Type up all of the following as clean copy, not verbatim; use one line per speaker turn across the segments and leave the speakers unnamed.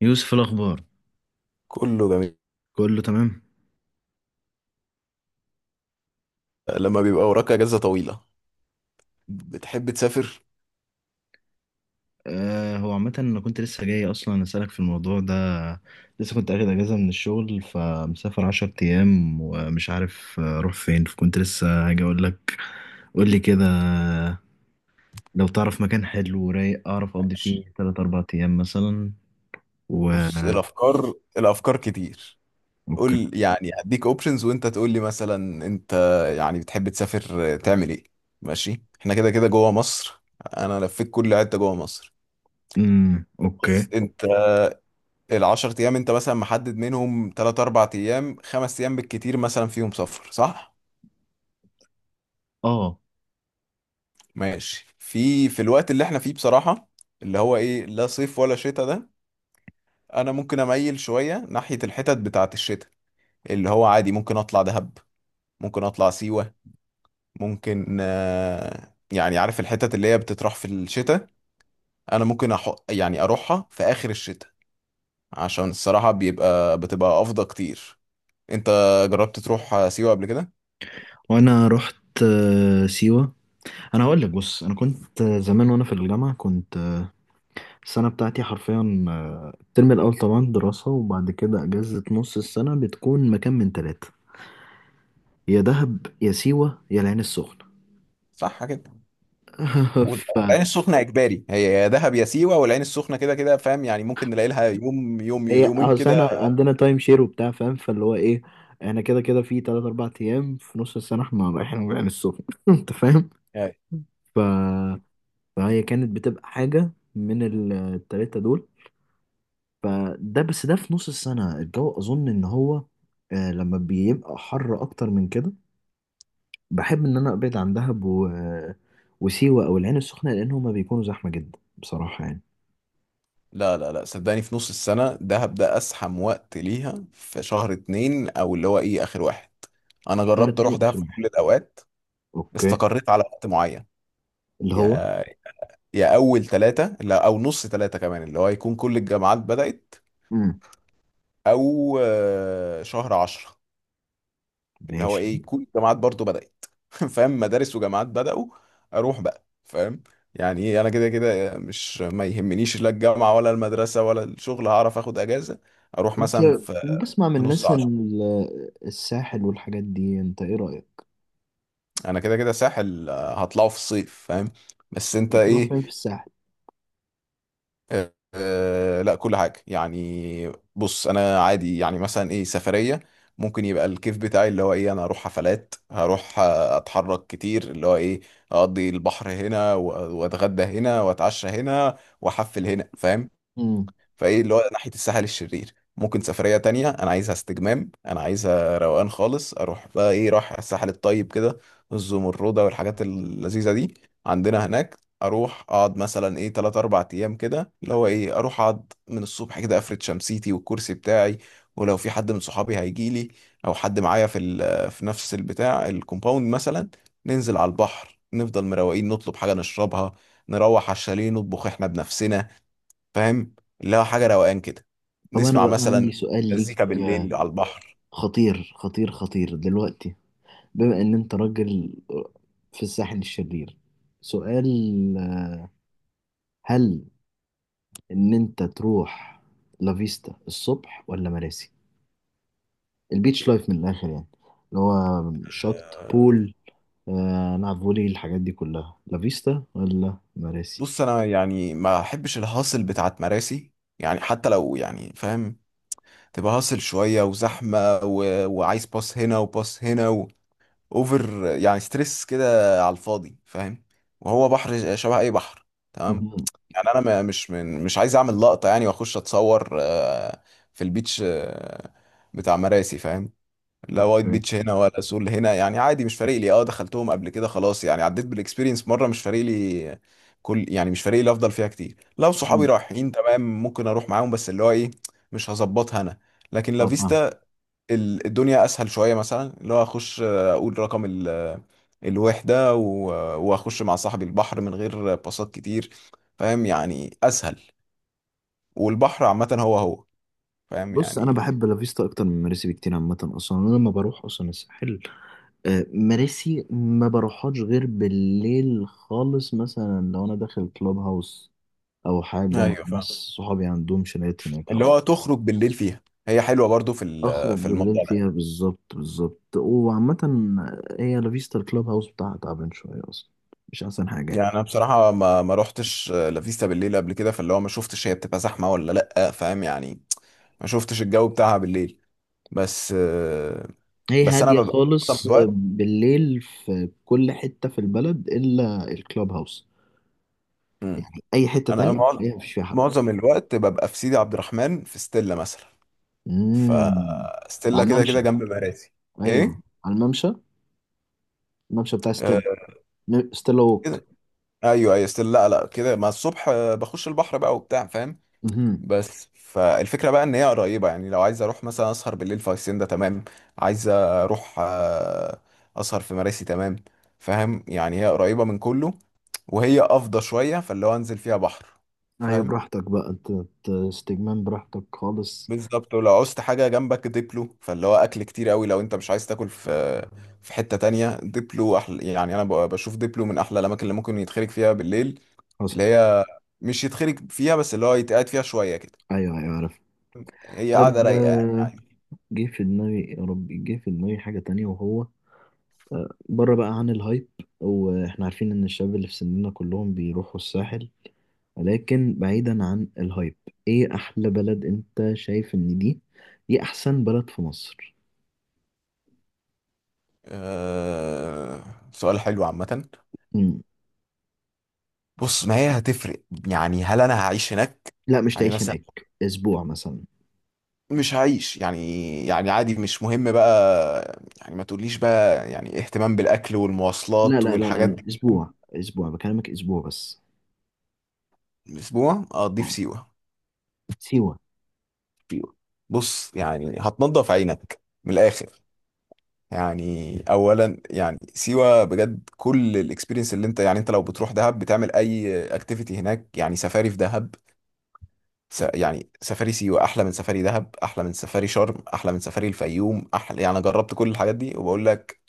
يوسف، إيه الأخبار؟
كله جميل.
كله تمام.
لما بيبقى وراك اجازه طويله بتحب تسافر؟
آه، هو عامة أنا كنت لسه جاي أصلا أسألك في الموضوع ده. لسه كنت أخد أجازة من الشغل، فمسافر 10 أيام ومش عارف أروح فين، فكنت لسه هاجي أقول لك. قول لي كده. لو تعرف مكان حلو ورايق أعرف أقضي
ماشي.
فيه تلات أربع أيام مثلا. و
بص، الافكار كتير.
أوكي.
قول يعني هديك اوبشنز وانت تقول لي، مثلا انت يعني بتحب تسافر تعمل ايه؟ ماشي، احنا كده كده جوه مصر، انا لفيت كل حته جوه مصر.
أمم، أوكي.
بص انت، العشر ايام انت مثلا محدد منهم تلات اربع ايام خمس ايام بالكتير مثلا فيهم سفر، صح؟
أه.
ماشي. في الوقت اللي احنا فيه بصراحه، اللي هو ايه لا صيف ولا شتاء ده، انا ممكن اميل شويه ناحيه الحتت بتاعه الشتاء، اللي هو عادي ممكن اطلع دهب، ممكن اطلع سيوه، ممكن يعني عارف الحتت اللي هي بتطرح في الشتاء. انا ممكن يعني اروحها في اخر الشتاء، عشان الصراحه بيبقى بتبقى افضل كتير. انت جربت تروح سيوه قبل كده؟
وأنا رحت. آه، سيوة. أنا هقول لك، بص، أنا كنت زمان وأنا في الجامعة كنت. السنة بتاعتي حرفيا الترم الأول طبعا دراسة، وبعد كده أجازة نص السنة بتكون مكان من ثلاثة، يا دهب يا سيوة يا العين السخنة.
صح كده.
فهي
والعين السخنه اجباري، هي يا دهب يا سيوه، والعين السخنه كده كده، فاهم يعني؟ ممكن نلاقي لها يوم يوم يومين
أصل
كده.
احنا عندنا تايم شير وبتاع، فاهم؟ فاللي هو إيه، احنا كده كده في تلات أربع أيام في نص السنة احنا رايحين العين السخنة. أنت فاهم؟ ف... فهي كانت بتبقى حاجة من التلاتة دول. فده بس، ده في نص السنة، الجو أظن إن هو لما بيبقى حر أكتر من كده، بحب ان انا ابعد عن دهب وسيوة او العين السخنة، لان هما بيكونوا زحمة جدا بصراحة يعني.
لا لا لا، صدقني في نص السنة ده هبدأ أزحم وقت ليها، في شهر اتنين أو اللي هو إيه آخر واحد. أنا
نمرة شرم
جربت
اتنين
أروح دهب
واخر
في
واحد.
كل الأوقات،
اوكي.
استقريت على وقت معين.
اللي هو،
يا، يا أول تلاتة لا أو نص تلاتة كمان، اللي هو يكون كل الجامعات بدأت،
امم،
أو شهر عشرة، اللي هو
ماشي.
إيه يكون الجامعات برضو بدأت. فاهم، مدارس وجامعات بدأوا. أروح بقى فاهم؟ يعني إيه، أنا كده كده مش ما يهمنيش لا الجامعة ولا المدرسة ولا الشغل، هعرف آخد أجازة. أروح
كنت
مثلا في
بسمع من
في نص
الناس ان
عشرة.
الساحل والحاجات دي، انت ايه رأيك؟
انا كده كده ساحل هطلعه في الصيف، فاهم؟ بس انت
بتروح
ايه؟
فين في الساحل؟
لا كل حاجه، يعني بص انا عادي، يعني مثلا ايه سفريه ممكن يبقى الكيف بتاعي اللي هو ايه، انا هروح حفلات، هروح اتحرك كتير اللي هو ايه، اقضي البحر هنا واتغدى هنا واتعشى هنا واحفل هنا، فاهم؟
امم.
فايه اللي هو ناحيه الساحل الشرير. ممكن سفريه تانية انا عايزها استجمام، انا عايزها روقان خالص، اروح بقى ايه رايح الساحل الطيب كده، الزمرده والحاجات اللذيذه دي عندنا هناك. اروح اقعد مثلا ايه 3 4 ايام كده، اللي هو ايه اروح اقعد من الصبح كده، افرد شمسيتي والكرسي بتاعي، ولو في حد من صحابي هيجي لي، او حد معايا في في نفس البتاع الكومباوند مثلا، ننزل على البحر، نفضل مروقين، نطلب حاجه نشربها، نروح على الشاليه نطبخ احنا بنفسنا، فاهم؟ اللي هو حاجه روقان كده،
طب انا
نسمع
بقى عندي
مثلا
سؤال ليك،
مزيكا بالليل على البحر.
خطير خطير خطير دلوقتي. بما ان انت راجل في الساحل الشرير، سؤال: هل ان انت تروح لافيستا الصبح ولا مراسي؟ البيتش لايف من الاخر يعني، اللي هو شط
آه،
بول. نلعب فولي، الحاجات دي كلها، لافيستا ولا مراسي؟
بص انا يعني ما احبش الهاصل بتاعت مراسي، يعني حتى لو يعني فاهم، تبقى هاصل شويه وزحمه و... وعايز باص هنا وباص هنا و... اوفر يعني ستريس كده على الفاضي، فاهم؟ وهو بحر شبه اي بحر، تمام.
مهم.
يعني انا مش من مش عايز اعمل لقطه، يعني واخش اتصور في البيتش بتاع مراسي، فاهم؟ لا وايت
اوكي.
بيتش هنا ولا سول هنا، يعني عادي مش فارق لي، اه دخلتهم قبل كده خلاص، يعني عديت بالاكسبيرينس مره، مش فارق لي. كل يعني مش فارق لي، افضل فيها كتير لو صحابي
مهم.
رايحين تمام ممكن اروح معاهم، بس اللي هو ايه مش هظبطها انا. لكن
اه، فاهم.
لافيستا، الدنيا اسهل شويه، مثلا اللي هو اخش اقول رقم الوحده واخش مع صاحبي البحر من غير باصات كتير، فاهم يعني اسهل. والبحر عامه هو هو، فاهم
بص، انا
يعني.
بحب لافيستا اكتر من مراسي بكتير عامه. اصلا انا لما بروح اصلا الساحل، مراسي ما بروحهاش غير بالليل خالص، مثلا لو انا داخل كلوب هاوس او حاجه مع
ايوه
ناس،
فاهم،
صحابي عندهم شاليهات هناك، او
اللي هو تخرج بالليل فيها، هي حلوه برضو في
اخرج
في
بالليل
الموضوع ده.
فيها. بالظبط، بالظبط. وعامة هي لافيستا الكلاب هاوس بتاعها تعبان شوية اصلا، مش احسن حاجة يعني.
يعني انا بصراحه ما روحتش لافيستا بالليل قبل كده، فاللي هو ما شفتش هي بتبقى زحمه ولا لا، فاهم يعني؟ ما شفتش الجو بتاعها بالليل بس.
هي
بس انا
هادية
ببقى معظم
خالص
الوقت.
بالليل في كل حتة في البلد الا الكلاب هاوس،
مم.
يعني اي حتة
انا
تانية
مع-
هي مفيش فيها حد.
معظم الوقت ببقى في سيدي عبد الرحمن في ستيلا مثلا.
امم. على
فستيلا كده
الممشى.
كده جنب مراسي.
ايوه،
ايه؟
على الممشى. الممشى بتاع
آه،
ستيل. ستيل ووك.
كده. ايوه ايوه ستيلا. لا لا كده، ما الصبح بخش البحر بقى وبتاع، فاهم؟
امم.
بس فالفكرة بقى ان هي قريبة، يعني لو عايز اروح مثلا اسهر بالليل في هاسيندا تمام، عايز اروح اسهر في مراسي تمام، فاهم يعني؟ هي قريبة من كله، وهي افضى شوية، فاللي هو انزل فيها بحر،
ايوه،
فاهم.
براحتك بقى، انت استجمام براحتك خالص.
بالظبط. ولو عوزت حاجة جنبك ديبلو، فاللي هو اكل كتير قوي لو انت مش عايز تاكل في في حتة تانية، ديبلو احلى. يعني انا بشوف ديبلو من احلى الاماكن اللي ممكن يتخرج فيها بالليل،
حصل.
اللي هي مش يتخرج فيها بس، اللي هو يتقعد فيها شوية كده.
ايوه، ايوه، عارف.
هي قاعدة
طيب،
رايقة، يعني.
جه في دماغي، يا ربي، جه في دماغي حاجة تانية، وهو بره بقى عن الهايب. واحنا عارفين ان الشباب اللي في سننا كلهم بيروحوا الساحل، ولكن بعيدا عن الهايب، ايه احلى بلد انت شايف ان دي احسن بلد في مصر؟
أه... سؤال حلو عامة.
مم.
بص، ما هي هتفرق، يعني هل انا هعيش هناك
لا، مش
يعني
تعيش
مثلا؟
هناك، اسبوع مثلا.
مش هعيش يعني، يعني عادي مش مهم بقى. يعني ما تقوليش بقى يعني اهتمام بالاكل
لا
والمواصلات
لا لا لا
والحاجات
لا،
دي.
اسبوع اسبوع بكلمك، اسبوع بس.
اسبوع اقضيه في
آه.
سيوة.
سيوة.
سيوة. بص يعني هتنضف عينك من الاخر. يعني اولا يعني سيوة بجد كل الاكسبيرينس اللي انت، يعني انت لو بتروح دهب بتعمل اي اكتيفيتي هناك، يعني سفاري في دهب، يعني سفاري سيوة احلى من سفاري دهب احلى من سفاري شرم احلى من سفاري الفيوم احلى، يعني أنا جربت كل الحاجات دي وبقول لك،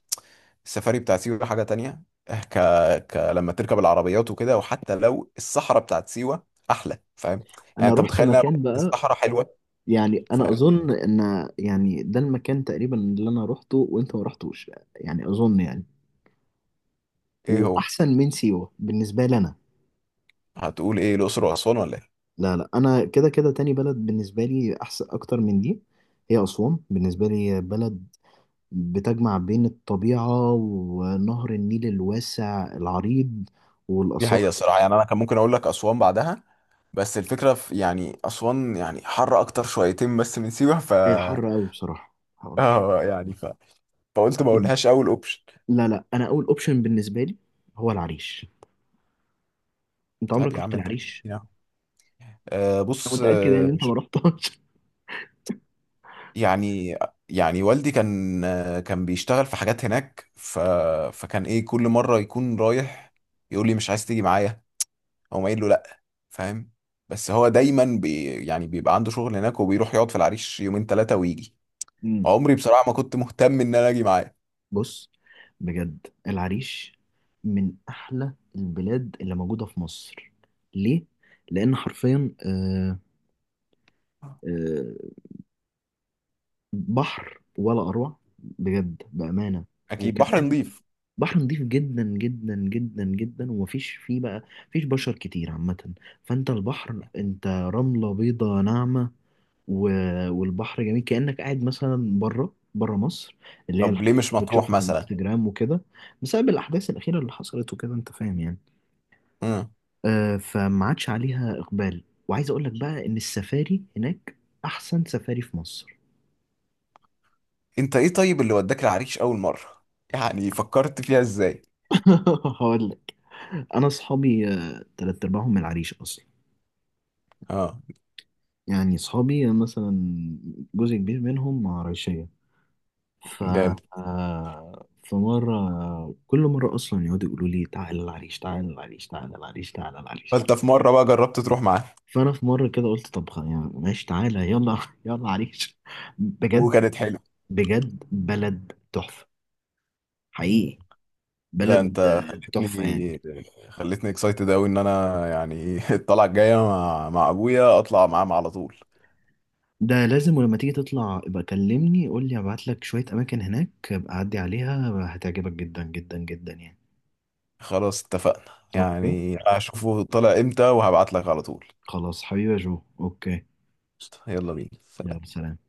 السفاري بتاع سيوة حاجة تانية. إه، ك... لما تركب العربيات وكده، وحتى لو الصحراء بتاعت سيوة احلى، فاهم؟ يعني
انا
انت
رحت
متخيل انها
مكان بقى،
الصحراء حلوة،
يعني انا
فاهم.
اظن ان، يعني، ده المكان تقريبا اللي انا روحته وانت ما رحتوش، يعني اظن يعني،
ايه هو؟
واحسن من سيوه بالنسبه لي انا.
هتقول ايه الاقصر واسوان ولا ايه؟
لا لا، انا كده كده تاني بلد بالنسبه لي احسن اكتر من دي. هي اسوان، بالنسبه لي بلد بتجمع بين الطبيعه ونهر النيل الواسع العريض،
دي
والاثار.
حقيقة الصراحة، يعني انا كان ممكن اقول لك اسوان بعدها، بس الفكرة في يعني اسوان، يعني حر اكتر شويتين بس من سيوة، ف
هي حر قوي بصراحه، حر حر.
اه يعني فقلت ما اقولهاش اول اوبشن.
لا لا، انا اول اوبشن بالنسبه لي هو العريش. انت
طيب
عمرك
يا عم
رحت
انت اكيد
العريش؟
يعني.
انا
بص،
متاكد يعني ان انت ما
مش
رحتهاش.
يعني، يعني والدي كان كان بيشتغل في حاجات هناك، ف فكان ايه كل مره يكون رايح يقول لي مش عايز تيجي معايا، او ما قايل له لا، فاهم. بس هو دايما بي يعني بيبقى عنده شغل هناك، وبيروح يقعد في العريش يومين ثلاثه ويجي، عمري بصراحه ما كنت مهتم ان انا اجي معاه.
بص، بجد العريش من احلى البلاد اللي موجوده في مصر. ليه؟ لان حرفيا آه، بحر ولا اروع، بجد، بامانه.
اكيد بحر
وكمان
نظيف.
بحر نظيف جدا جدا جدا جدا، ومفيش فيه بقى، مفيش بشر كتير عامه. فانت البحر انت رمله بيضه ناعمه، والبحر جميل كأنك قاعد مثلا بره بره مصر، اللي هي
طب ليه
الحاجات
مش
اللي
مطروح
بتشوفها على
مثلا؟
الانستجرام وكده. بسبب الأحداث الأخيرة اللي حصلت وكده، أنت فاهم يعني.
امم.
آه، فما عادش عليها إقبال، وعايز أقول لك بقى إن السفاري هناك أحسن سفاري في مصر.
انت ايه طيب اللي وداك العريش اول مره؟ يعني فكرت فيها ازاي؟
هقول لك. أنا أصحابي تلات أرباعهم من العريش أصلا،
اه،
يعني أصحابي مثلا جزء كبير منهم عرايشية. ف
جامد.
فمرة، كل مرة أصلا يقعدوا يقولوا لي تعالى العريش، تعالى العريش، تعالى العريش، تعالى العريش.
فانت في مره بقى جربت تروح معاه؟
فأنا في مرة كده قلت، طب، يعني ماشي، تعالى، يلا، يلا عريش. بجد.
وكانت حلوه.
بجد بلد تحفة، حقيقي،
لا
بلد
انت
تحفة يعني.
خلتني، خلتني اكسايتد قوي، ان انا يعني الطلعه الجايه مع ابويا اطلع معاه على طول.
ده لازم، ولما تيجي تطلع ابقى كلمني، قول لي، ابعت لك شوية أماكن هناك ابقى عدي عليها، هتعجبك جدا جدا جدا يعني.
خلاص اتفقنا،
أوكي.
يعني هشوفه طلع امتى وهبعت لك على طول.
خلاص حبيبي يا جو، أوكي.
قشطة، يلا بينا، سلام.
يلا سلام.